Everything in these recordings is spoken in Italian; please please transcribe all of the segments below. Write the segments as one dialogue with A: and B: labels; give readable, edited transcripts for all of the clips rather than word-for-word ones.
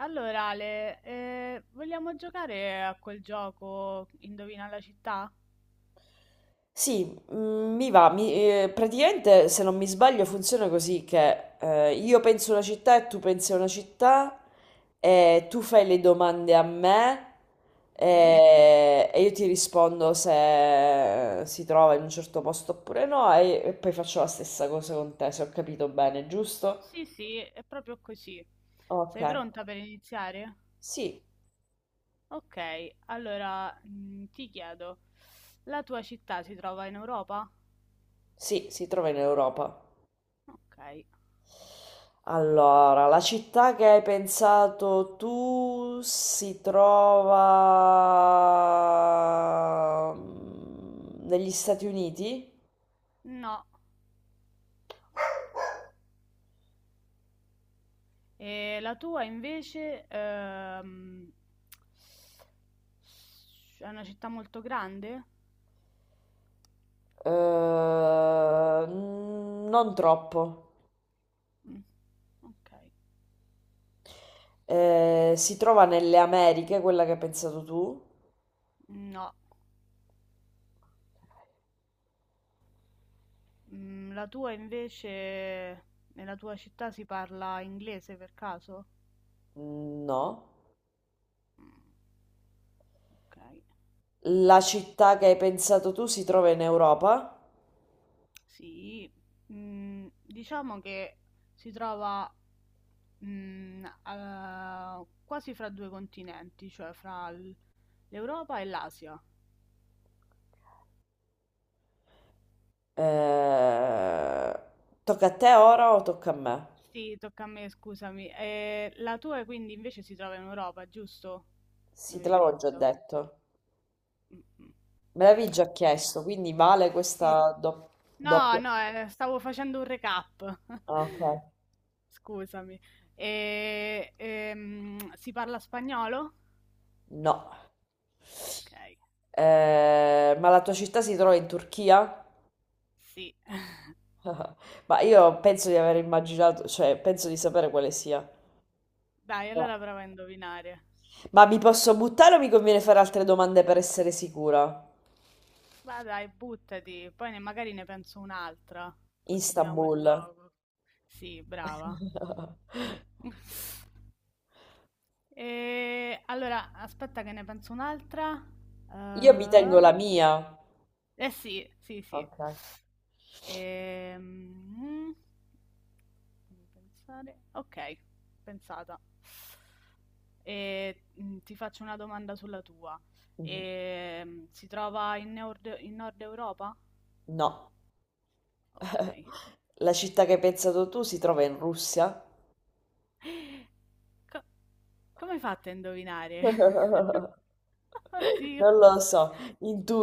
A: Allora, Ale, vogliamo giocare a quel gioco Indovina la città?
B: Sì, mi va, praticamente se non mi sbaglio funziona così che io penso una città e tu pensi a una città e tu fai le domande a me. Mhm.
A: Mhm.
B: E io ti rispondo se si trova in un certo posto oppure no e poi faccio la stessa cosa con te, se ho capito bene, giusto?
A: Sì, sì, è proprio così.
B: Ok,
A: Sei pronta per iniziare?
B: sì,
A: Ok, allora ti chiedo, la tua città si trova in Europa?
B: sì, si trova in Europa.
A: Ok,
B: Allora, la città che hai pensato tu si trova negli Stati Uniti?
A: no. E la tua invece è una città molto grande?
B: Eh, non troppo.
A: Mm, ok,
B: Si trova nelle Americhe, quella che hai pensato tu?
A: no. Mm, la tua invece, nella tua città si parla inglese per caso?
B: Mm, no.
A: Mm, ok,
B: La città che hai pensato tu si trova in Europa?
A: sì. Mm, diciamo che si trova quasi fra due continenti, cioè l'Europa e l'Asia.
B: Eh, Tocca a te ora o tocca a me?
A: Sì, tocca a me, scusami. La tua quindi invece si trova in Europa, giusto? Mi
B: Sì, te
A: avevi
B: l'avevo già
A: detto.
B: detto.
A: Mm, mm.
B: Me l'avevi già
A: Eh,
B: chiesto, quindi vale
A: sì.
B: questa
A: No,
B: doppia...
A: no, stavo facendo un recap.
B: Ah, ok.
A: Scusami. E, si parla spagnolo?
B: No.
A: Ok,
B: Ma la tua città si trova in Turchia?
A: sì.
B: Ma io penso di aver immaginato, cioè penso di sapere quale sia.
A: Dai,
B: Ah.
A: allora prova a indovinare.
B: Ma mi posso buttare o mi conviene fare altre domande per essere sicura?
A: Va dai, buttati, magari ne penso un'altra. Continuiamo il
B: Istanbul.
A: gioco. Sì, brava. E, allora, aspetta che ne penso un'altra.
B: Io mi
A: Eh
B: tengo la mia.
A: eh sì, sì, sì.
B: Ok.
A: Ehm, Fammi pensare. Ok, pensata. E, ti faccio una domanda sulla tua.
B: Mhm.
A: E, si trova in Nord Europa?
B: No.
A: Ok.
B: La città che hai pensato tu si trova in Russia?
A: Co- come hai fatto a indovinare? Oddio,
B: Non lo so,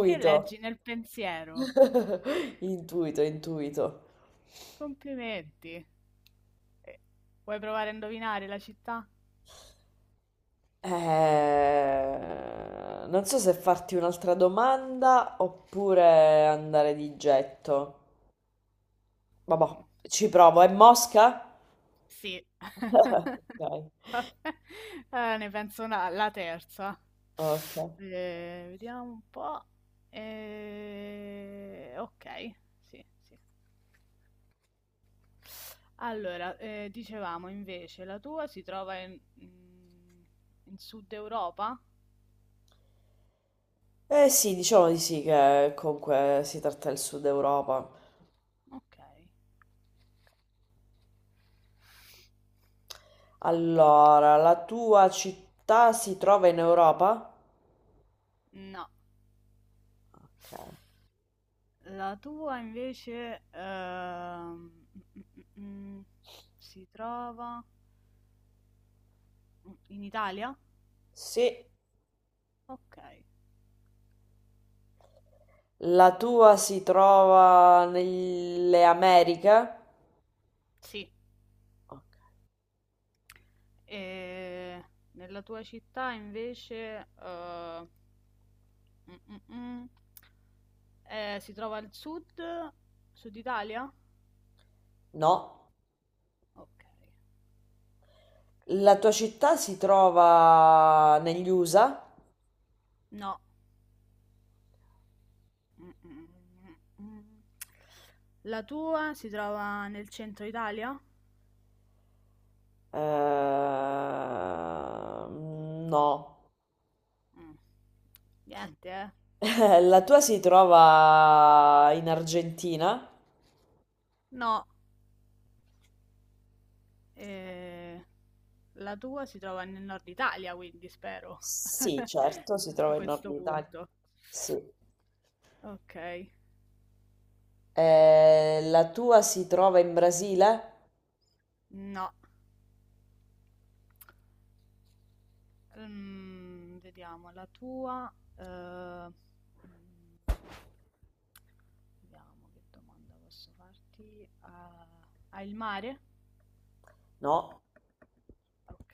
A: che leggi nel pensiero?
B: intuito, intuito.
A: Complimenti. Eh, vuoi provare a indovinare la città?
B: Non so se farti un'altra domanda oppure andare di getto. Vabbè,
A: Mm,
B: ci provo. È Mosca?
A: sì.
B: Ok,
A: Ne penso una la terza.
B: ok.
A: Vediamo un po'. Ok, sì, sì. Allora, dicevamo invece, la tua si trova in Sud Europa?
B: Eh sì, diciamo di sì che comunque si tratta del Sud Europa.
A: Ok.
B: Allora, la tua città si trova in Europa?
A: No,
B: Ok.
A: la tua invece mm, mm, mm, si trova in Italia?
B: Sì.
A: Ok.
B: La tua si trova nelle Americhe?
A: Sì.
B: Ok.
A: E nella tua città invece mm, mm, mm, si trova sud Italia?
B: No.
A: Ok, ok.
B: La tua città si trova negli USA?
A: No. Mm, mm, mm, mm, mm. La tua si trova nel centro Italia?
B: No.
A: Mm. Niente, eh.
B: La tua si trova in Argentina?
A: No. Eh, la tua si trova nel nord Italia, quindi spero.
B: Sì, certo, si
A: A
B: trova in Nord
A: questo
B: Italia.
A: punto.
B: Sì.
A: Ok.
B: La tua si trova in Brasile?
A: No. Vediamo la tua. Mm, Vediamo che domanda posso farti. Ah, hai il mare?
B: No.
A: Ok,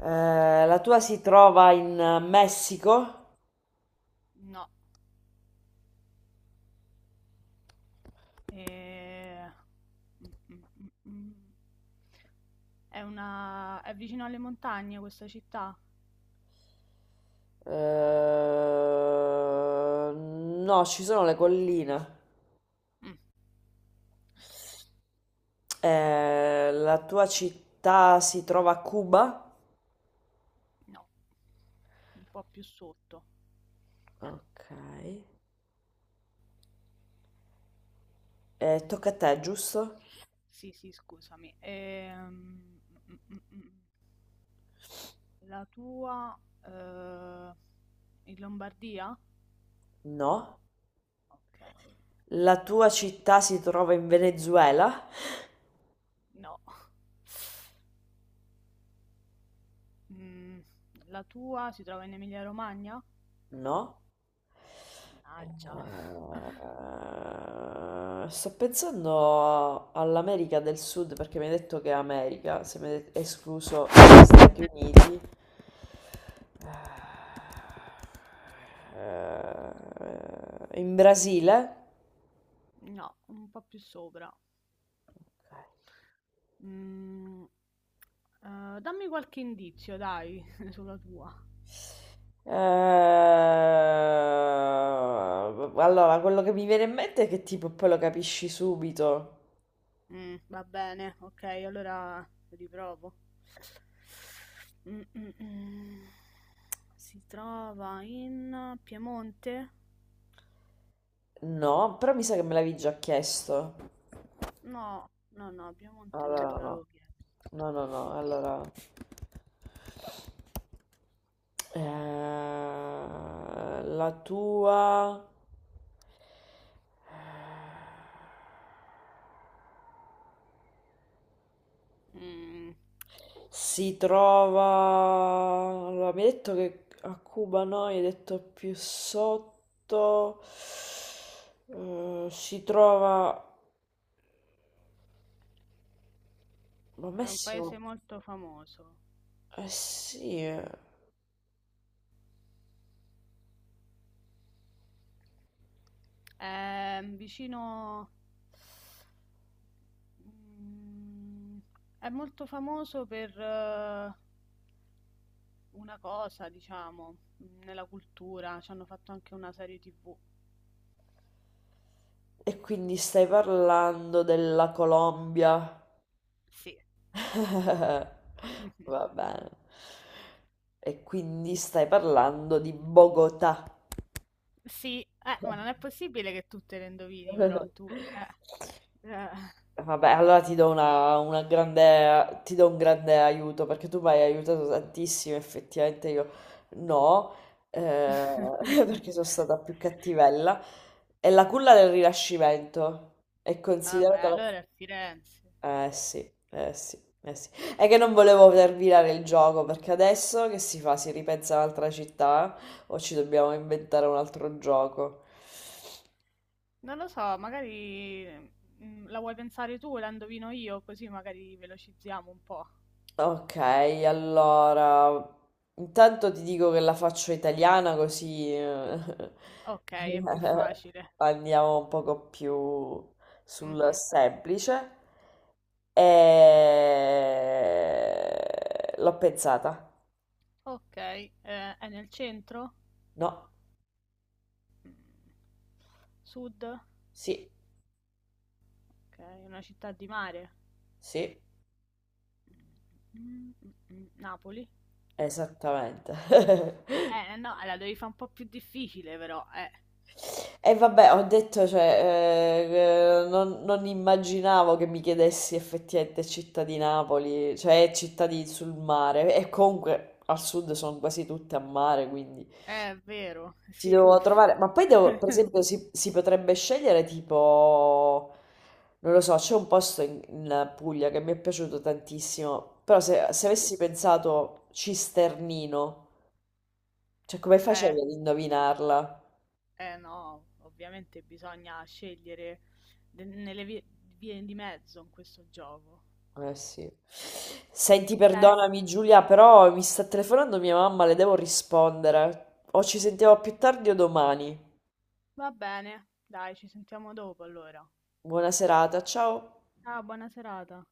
B: La tua si trova in Messico?
A: no. Eh, mm, mm, mm, mm. È una... è vicino alle montagne questa città?
B: No, ci sono le colline.
A: Mm, ok,
B: La tua città si trova a Cuba?
A: no. Un po' più sotto.
B: Ok. Tocca a te, giusto?
A: Sì, sì, scusami. Mm, mm, mm, mm. La tua, eh, in Lombardia?
B: No.
A: Ok,
B: La tua città si trova in Venezuela?
A: no. Mm, la tua si trova in Emilia-Romagna?
B: No.
A: Mannaggia.
B: Sto pensando all'America del Sud perché mi hai detto che è America, se mi hai escluso gli
A: Mm,
B: Stati Uniti. In Brasile?
A: no, un po' più sopra. Mm, dammi qualche indizio, dai, sulla tua.
B: Allora, quello che mi viene in mente è che tipo poi lo capisci subito.
A: Mm, va bene, ok, allora riprovo. Mm, mm, mm. Si trova in Piemonte?
B: No, però mi sa che me l'avevi già chiesto.
A: No, no, no, Piemonte non te
B: Allora,
A: l'avevo
B: no.
A: chiesto.
B: No, no, no, allora... Eh, la tua...
A: Mm,
B: Si trova... Allora, mi hai detto che a Cuba no, hai detto più sotto. Si trova... Ma
A: è un
B: Messico...
A: paese molto famoso.
B: Eh sì, eh.
A: È vicino... Mm, è molto famoso per una cosa, diciamo, nella cultura. Ci hanno fatto anche una serie TV.
B: E quindi stai parlando della Colombia.
A: Sì.
B: Va bene. E quindi stai parlando di Bogotà.
A: Sì, ma non è possibile che tu te le indovini, però tu... eh.
B: Vabbè, allora ti do una grande, ti do un grande aiuto perché tu mi hai aiutato tantissimo, effettivamente io no, eh, perché sono stata più cattivella. È la culla del Rinascimento, è
A: Vabbè,
B: considerata la...
A: allora è Firenze.
B: Eh sì, eh sì, eh sì. È che non volevo terminare il gioco perché adesso che si fa? Si ripensa un'altra città o ci dobbiamo inventare un altro gioco?
A: Non lo so, magari la vuoi pensare tu e la indovino io, così magari velocizziamo un po'.
B: Ok, allora, intanto ti dico che la faccio italiana così
A: Ok, è più facile.
B: andiamo un poco più sul
A: Mhm.
B: semplice. E... L'ho pensata.
A: Ok, è nel centro?
B: No,
A: Mm. Sud? Ok,
B: sì,
A: è una città di mare.
B: sì,
A: Mm, mm, mm, Napoli?
B: esattamente.
A: No, la devi fare un po' più difficile però, eh.
B: E vabbè, ho detto, cioè, non immaginavo che mi chiedessi effettivamente città di Napoli, cioè sul mare, e
A: Eh,
B: comunque al sud sono quasi tutte a mare, quindi
A: è vero,
B: ci
A: sì.
B: devo trovare, ma poi devo, per esempio, si potrebbe scegliere tipo, non lo so, c'è un posto in Puglia che mi è piaciuto tantissimo, però se
A: Sì.
B: avessi pensato Cisternino, cioè come
A: Eh,
B: facevi ad indovinarla?
A: eh no, ovviamente bisogna scegliere nelle vie, vie di mezzo in questo gioco.
B: Eh sì. Senti,
A: Beh,
B: perdonami Giulia, però mi sta telefonando mia mamma, le devo rispondere. O ci sentiamo più tardi o domani.
A: va bene, dai, ci sentiamo dopo allora.
B: Buona serata, ciao.
A: Ciao, buona serata.